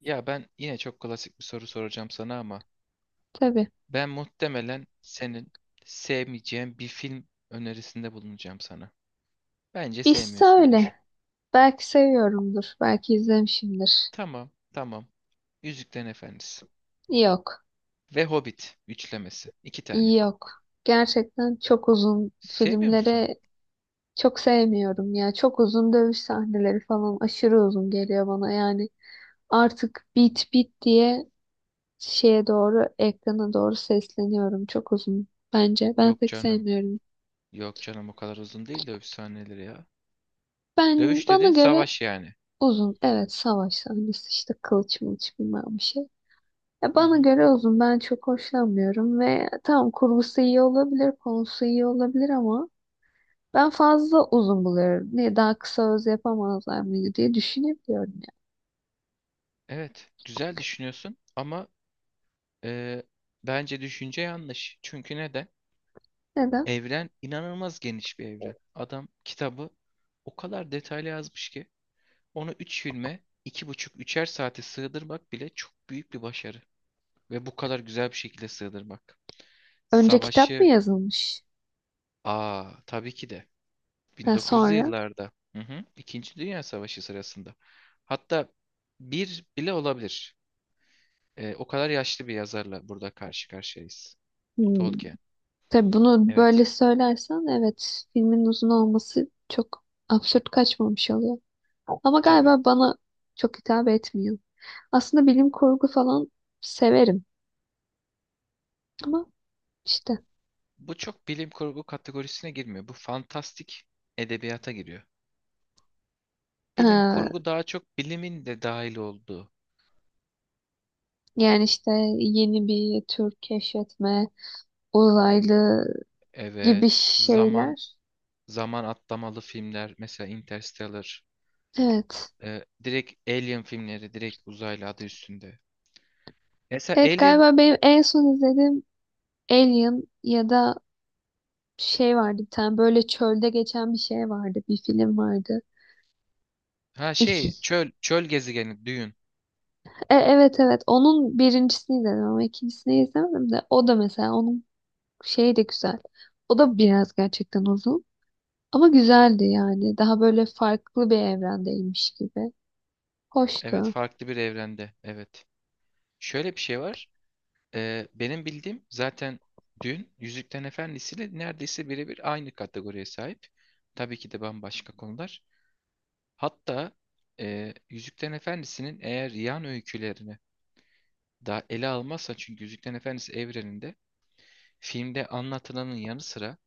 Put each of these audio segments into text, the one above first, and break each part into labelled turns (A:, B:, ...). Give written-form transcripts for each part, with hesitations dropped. A: Ya ben yine çok klasik bir soru soracağım sana ama
B: Tabii.
A: ben muhtemelen senin sevmeyeceğin bir film önerisinde bulunacağım sana. Bence
B: Biz
A: sevmiyorsundur.
B: öyle. Belki seviyorumdur. Belki izlemişimdir.
A: Tamam, tamam. Yüzüklerin Efendisi
B: Yok.
A: ve Hobbit üçlemesi. İki tane.
B: Yok. Gerçekten çok uzun
A: Sevmiyor musun?
B: filmleri çok sevmiyorum ya. Çok uzun dövüş sahneleri falan aşırı uzun geliyor bana. Yani artık bit diye ekrana doğru sesleniyorum. Çok uzun bence. Ben
A: Yok
B: pek
A: canım.
B: sevmiyorum.
A: Yok canım, o kadar uzun değil dövüş sahneleri ya.
B: Ben
A: Dövüş
B: bana
A: dediğin
B: göre
A: savaş yani.
B: uzun. Evet, savaş sahnesi işte kılıç mılıç bilmem bir şey. Ya
A: Hı
B: bana
A: hı.
B: göre uzun. Ben çok hoşlanmıyorum ve tamam kurgusu iyi olabilir, konusu iyi olabilir ama ben fazla uzun buluyorum. Niye daha kısa öz yapamazlar mıydı diye düşünebiliyorum ya.
A: Evet, güzel düşünüyorsun ama e, bence düşünce yanlış. Çünkü neden?
B: Neden?
A: Evren inanılmaz geniş bir evren. Adam kitabı o kadar detaylı yazmış ki onu 3 filme 2,5'er 3'er saate sığdırmak bile çok büyük bir başarı. Ve bu kadar güzel bir şekilde sığdırmak.
B: Önce kitap mı
A: Savaşı
B: yazılmış?
A: aa, tabii ki de
B: Ha,
A: 1900'lü
B: sonra?
A: yıllarda, hı hı, II. Dünya Savaşı sırasında. Hatta bir bile olabilir. O kadar yaşlı bir yazarla burada karşı karşıyayız.
B: Hmm.
A: Tolkien.
B: Tabii bunu
A: Evet.
B: böyle söylersen evet filmin uzun olması çok absürt kaçmamış oluyor. Ama
A: Tabii.
B: galiba bana çok hitap etmiyor. Aslında bilim kurgu falan severim ama işte.
A: Bu çok bilim kurgu kategorisine girmiyor. Bu fantastik edebiyata giriyor. Bilim kurgu daha çok bilimin de dahil olduğu.
B: Yani işte yeni bir tür keşfetme, uzaylı gibi
A: Evet, zaman
B: şeyler.
A: zaman atlamalı filmler mesela Interstellar,
B: Evet.
A: direkt Alien filmleri, direkt uzaylı adı üstünde. Mesela
B: Evet
A: Alien,
B: galiba benim en son izlediğim Alien ya da şey vardı bir tane böyle çölde geçen bir şey vardı. Bir film vardı.
A: ha
B: İki.
A: şey çöl gezegeni Dune.
B: Evet evet onun birincisini izledim ama ikincisini izlemedim de o da mesela onun şeyi de güzel. O da biraz gerçekten uzun ama güzeldi yani. Daha böyle farklı bir evrendeymiş gibi.
A: Evet,
B: Hoştu.
A: farklı bir evrende. Evet. Şöyle bir şey var. Benim bildiğim zaten dün Yüzüklerin Efendisi'yle neredeyse birebir aynı kategoriye sahip. Tabii ki de bambaşka konular. Hatta Yüzüklerin Efendisi'nin eğer yan öykülerini daha ele almazsa, çünkü Yüzüklerin Efendisi evreninde filmde anlatılanın yanı sıra,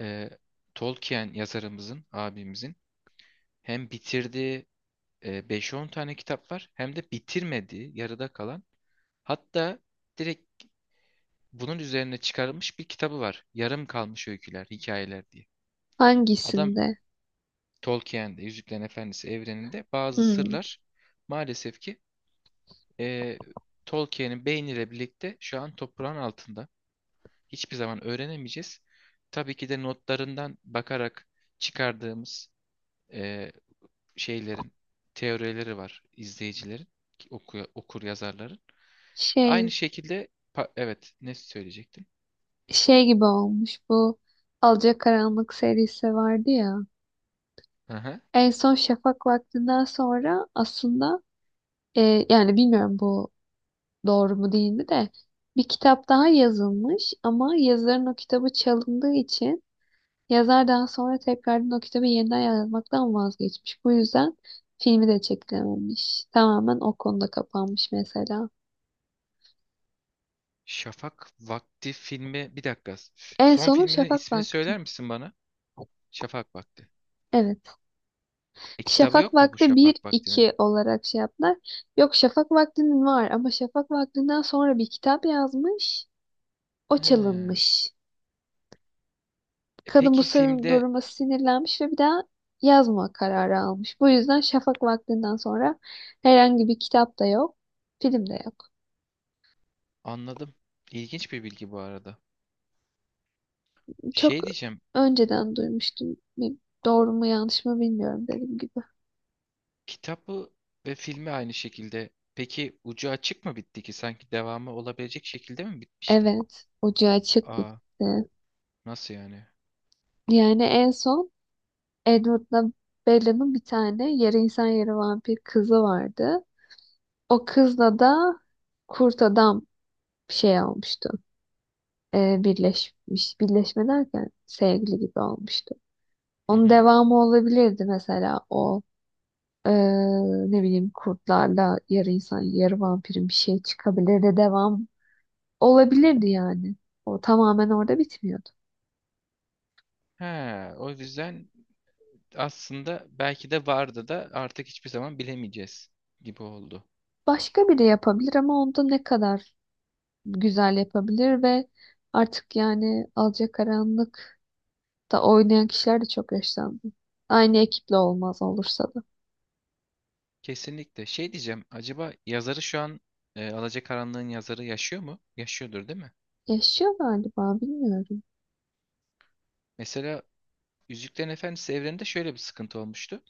A: e, Tolkien yazarımızın, abimizin hem bitirdiği 5-10 tane kitap var, hem de bitirmediği, yarıda kalan, hatta direkt bunun üzerine çıkarılmış bir kitabı var. Yarım kalmış öyküler, hikayeler diye. Adam
B: Hangisinde?
A: Tolkien'de, Yüzüklerin Efendisi evreninde bazı
B: Hmm.
A: sırlar maalesef ki eee, Tolkien'in beyniyle birlikte şu an toprağın altında. Hiçbir zaman öğrenemeyeceğiz. Tabii ki de notlarından bakarak çıkardığımız eee, şeylerin teorileri var, izleyicilerin, okur yazarların. Aynı
B: Şey,
A: şekilde evet, ne söyleyecektim?
B: şey gibi olmuş bu Alacakaranlık serisi vardı ya.
A: Aha.
B: En son şafak vaktinden sonra aslında yani bilmiyorum bu doğru mu değil mi de bir kitap daha yazılmış ama yazarın o kitabı çalındığı için yazar daha sonra tekrardan o kitabı yeniden yazmaktan vazgeçmiş. Bu yüzden filmi de çekilememiş. Tamamen o konuda kapanmış mesela.
A: Şafak Vakti filmi, bir dakika.
B: En
A: Son
B: sonu
A: filminin
B: Şafak
A: ismini
B: Vakti.
A: söyler misin bana? Şafak Vakti.
B: Evet.
A: E, kitabı
B: Şafak
A: yok mu bu
B: Vakti bir
A: Şafak Vakti'nin?
B: iki olarak şey yaptılar. Yok Şafak Vakti'nin var ama Şafak Vakti'nden sonra bir kitap yazmış. O
A: He.
B: çalınmış.
A: E,
B: Kadın bu
A: peki
B: sırrın
A: filmde,
B: duruma sinirlenmiş ve bir daha yazma kararı almış. Bu yüzden şafak vaktinden sonra herhangi bir kitap da yok, film de yok.
A: anladım. İlginç bir bilgi bu arada.
B: Çok
A: Şey diyeceğim.
B: önceden duymuştum. Bir- Doğru mu yanlış mı bilmiyorum dediğim gibi.
A: Kitabı ve filmi aynı şekilde. Peki ucu açık mı bitti ki? Sanki devamı olabilecek şekilde mi bitmişti?
B: Evet, ucu açık
A: Aa,
B: bitti.
A: nasıl yani?
B: Yani en son Edward'la Bella'nın bir tane yarı insan yarı vampir kızı vardı. O kızla da kurt adam şey olmuştu. Birleşmiş. Birleşme derken sevgili gibi olmuştu.
A: Hı
B: Onun
A: hı.
B: devamı olabilirdi mesela o eee, ne bileyim kurtlarla yarı insan yarı vampirin bir şey çıkabilirdi devam olabilirdi yani. O tamamen orada bitmiyordu.
A: He, o yüzden aslında belki de vardı da artık hiçbir zaman bilemeyeceğiz gibi oldu.
B: Başka biri yapabilir ama onda ne kadar güzel yapabilir ve artık yani Alacakaranlık'ta oynayan kişiler de çok yaşlandı. Aynı ekiple olmaz olursa da.
A: Kesinlikle. Şey diyeceğim, acaba yazarı şu an, Alacakaranlığın yazarı yaşıyor mu? Yaşıyordur değil mi?
B: Yaşıyor galiba bilmiyorum.
A: Mesela Yüzüklerin Efendisi evreninde şöyle bir sıkıntı olmuştu.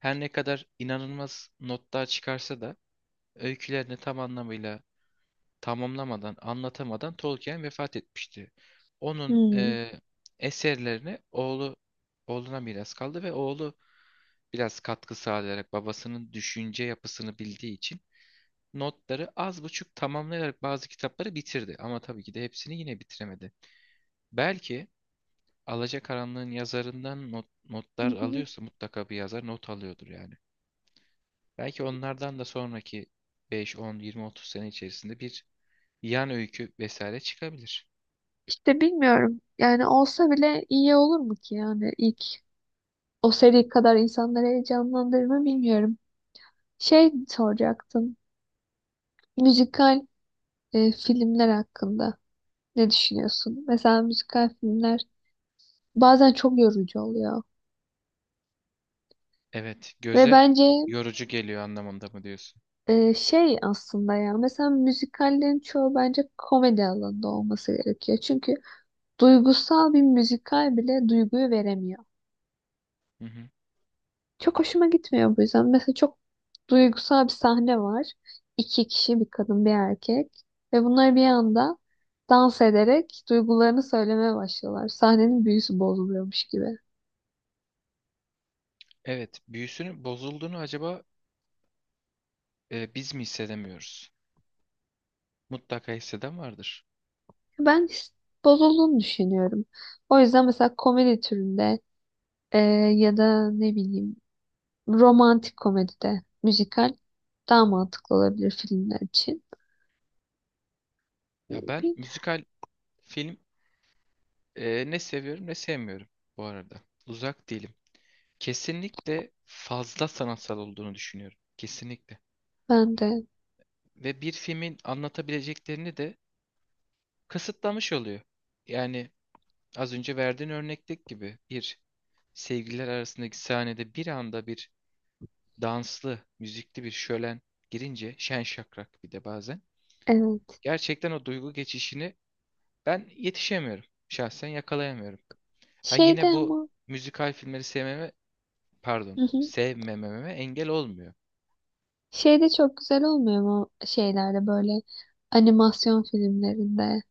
A: Her ne kadar inanılmaz notlar çıkarsa da öykülerini tam anlamıyla tamamlamadan, anlatamadan Tolkien vefat etmişti. Onun
B: Hmm.
A: eserlerini oğlu oğluna miras kaldı ve oğlu biraz katkı sağlayarak, babasının düşünce yapısını bildiği için notları az buçuk tamamlayarak bazı kitapları bitirdi. Ama tabii ki de hepsini yine bitiremedi. Belki Alacakaranlığın yazarından not,
B: Hı
A: notlar
B: hı.
A: alıyorsa, mutlaka bir yazar not alıyordur yani. Belki onlardan da sonraki 5, 10, 20, 30 sene içerisinde bir yan öykü vesaire çıkabilir.
B: İşte bilmiyorum. Yani olsa bile iyi olur mu ki yani ilk o seri kadar insanları heyecanlandırır mı bilmiyorum. Şey soracaktım. Müzikal filmler hakkında ne düşünüyorsun? Mesela müzikal filmler bazen çok yorucu oluyor.
A: Evet,
B: Ve
A: göze
B: bence
A: yorucu geliyor anlamında mı diyorsun?
B: şey aslında ya mesela müzikallerin çoğu bence komedi alanında olması gerekiyor. Çünkü duygusal bir müzikal bile duyguyu veremiyor.
A: Hı hı.
B: Çok hoşuma gitmiyor bu yüzden. Mesela çok duygusal bir sahne var. İki kişi, bir kadın, bir erkek. Ve bunlar bir anda dans ederek duygularını söylemeye başlıyorlar. Sahnenin büyüsü bozuluyormuş gibi.
A: Evet, büyüsünün bozulduğunu acaba biz mi hissedemiyoruz? Mutlaka hisseden vardır.
B: Ben his- Bozulduğunu düşünüyorum. O yüzden mesela komedi türünde e, ya da ne bileyim romantik komedide müzikal daha mantıklı olabilir filmler için.
A: Ya ben
B: Bil-
A: müzikal film ne seviyorum ne sevmiyorum bu arada. Uzak değilim. Kesinlikle fazla sanatsal olduğunu düşünüyorum. Kesinlikle.
B: Ben de
A: Ve bir filmin anlatabileceklerini de kısıtlamış oluyor. Yani az önce verdiğin örnekteki gibi bir, sevgililer arasındaki sahnede bir anda bir danslı, müzikli bir şölen girince, şen şakrak bir de bazen.
B: evet.
A: Gerçekten o duygu geçişini ben yetişemiyorum. Şahsen yakalayamıyorum. Ha,
B: Şeyde
A: yine bu
B: ama
A: müzikal filmleri sevmeme, pardon, sevmememe engel olmuyor.
B: Şey de çok güzel olmuyor mu şeylerde böyle animasyon filmlerinde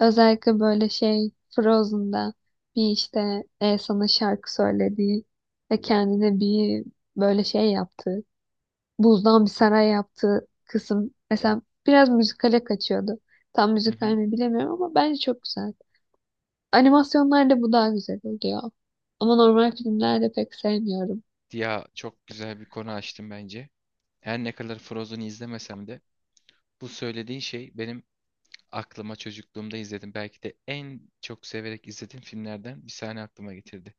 B: özellikle böyle şey Frozen'da bir işte Elsa'nın şarkı söylediği ve kendine bir böyle şey yaptığı buzdan bir saray yaptığı kısım mesela biraz müzikale kaçıyordu. Tam
A: Hı
B: müzikal
A: hı.
B: mi bilemiyorum ama bence çok güzel. Animasyonlarda bu daha güzel oluyor. Ama normal filmlerde pek sevmiyorum.
A: Ya çok güzel bir konu açtım bence. Her ne kadar Frozen'ı izlemesem de bu söylediğin şey benim aklıma çocukluğumda izledim, belki de en çok severek izlediğim filmlerden bir sahne aklıma getirdi.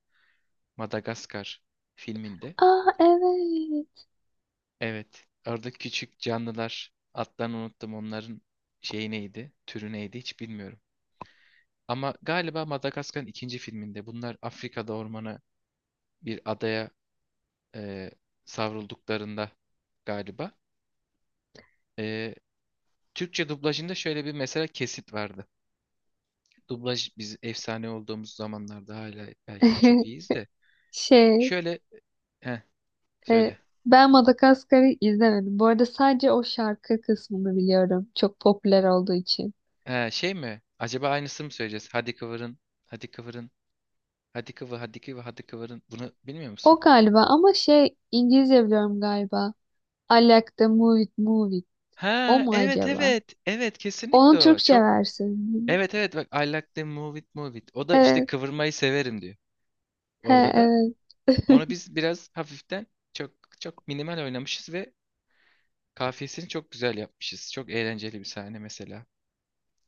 A: Madagaskar filminde.
B: Aa evet.
A: Evet. Orada küçük canlılar, adlarını unuttum, onların şeyi neydi, türü neydi hiç bilmiyorum. Ama galiba Madagaskar'ın 2. filminde bunlar Afrika'da ormana, bir adaya e, savrulduklarında galiba. E, Türkçe dublajında şöyle bir mesela kesit vardı. Dublaj, biz efsane olduğumuz zamanlarda hala belki de çok iyiyiz de.
B: Şey,
A: Şöyle, heh,
B: e,
A: söyle.
B: ben Madagaskar'ı izlemedim. Bu arada sadece o şarkı kısmını biliyorum. Çok popüler olduğu için.
A: He, şey mi? Acaba aynısını mı söyleyeceğiz? Hadi kıvırın. Hadi kıvırın. Hadi kıvırın. Bunu bilmiyor musun?
B: O galiba ama şey İngilizce biliyorum galiba. I like the move it, move it. O
A: Ha,
B: mu
A: evet
B: acaba?
A: evet. Evet,
B: Onun
A: kesinlikle o.
B: Türkçe
A: Çok
B: versiyonu.
A: evet evet, bak, I like the move it move it. O da işte
B: Evet.
A: kıvırmayı severim diyor.
B: He,
A: Orada da
B: evet.
A: onu biz biraz hafiften, çok çok minimal oynamışız ve kafiyesini çok güzel yapmışız. Çok eğlenceli bir sahne mesela.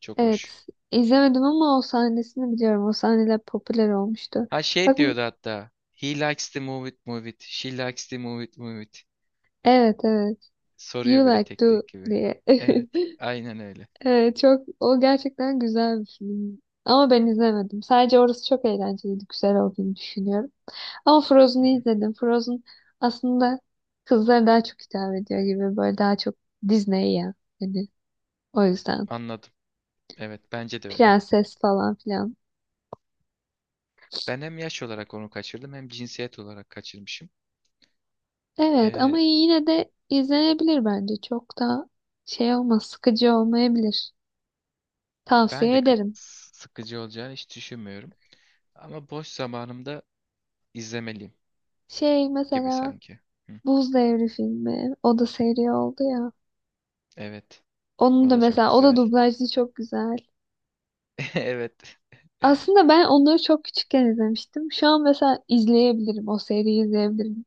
A: Çok hoş.
B: Evet, izlemedim ama o sahnesini biliyorum. O sahneler popüler olmuştu.
A: Ha, şey
B: Bakın,
A: diyordu hatta. He likes to move it, move it. She likes to move it, move it.
B: evet evet.
A: Soruyor
B: You
A: böyle
B: Like
A: tek
B: To
A: tek gibi.
B: diye.
A: Evet, aynen öyle.
B: Evet, çok o gerçekten güzel bir film. Ama ben izlemedim. Sadece orası çok eğlenceliydi, güzel olduğunu düşünüyorum. Ama
A: Hı
B: Frozen'ı
A: hı,
B: izledim. Frozen aslında kızlara daha çok hitap ediyor gibi böyle daha çok Disney ya. Hani o yüzden
A: anladım. Evet, bence de öyle.
B: prenses falan filan.
A: Ben hem yaş olarak onu kaçırdım, hem cinsiyet olarak kaçırmışım.
B: Evet ama
A: Ee,
B: yine de izlenebilir bence. Çok da şey olmaz, sıkıcı olmayabilir.
A: ben
B: Tavsiye
A: de
B: ederim.
A: sıkıcı olacağını hiç düşünmüyorum. Ama boş zamanımda izlemeliyim
B: Şey
A: gibi
B: mesela
A: sanki. Hı,
B: Buz Devri filmi, o da seri oldu ya.
A: evet.
B: Onun
A: O
B: da
A: da çok
B: mesela o da
A: güzel.
B: dublajlı çok güzel.
A: Evet.
B: Aslında ben onları çok küçükken izlemiştim. Şu an mesela izleyebilirim, o seriyi izleyebilirim.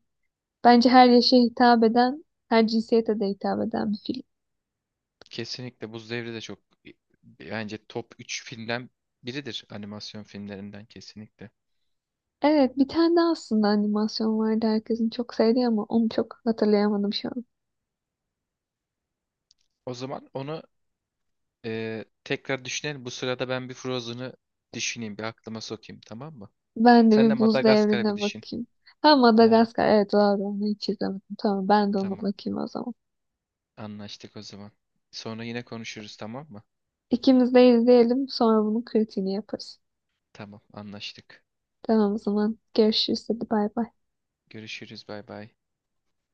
B: Bence her yaşa hitap eden, her cinsiyete de hitap eden bir film.
A: Kesinlikle Buz Devri de çok, bence top 3 filmden biridir animasyon filmlerinden, kesinlikle.
B: Evet, bir tane daha aslında animasyon vardı herkesin çok sevdiği ama onu çok hatırlayamadım şu an.
A: O zaman onu tekrar düşünelim. Bu sırada ben bir Frozen'ı düşüneyim, bir aklıma sokayım, tamam mı?
B: Ben de
A: Sen de
B: bir buz
A: Madagaskar'ı bir
B: devrine
A: düşün.
B: bakayım. Ha
A: He,
B: Madagaskar. Evet doğru onu hiç izlemedim. Tamam ben de ona
A: tamam.
B: bakayım o zaman.
A: Anlaştık o zaman. Sonra yine konuşuruz, tamam mı?
B: İkimiz de izleyelim sonra bunun kritiğini yaparız.
A: Tamam, anlaştık.
B: Tamam o zaman görüşürüz hadi bay bay.
A: Görüşürüz, bay bay.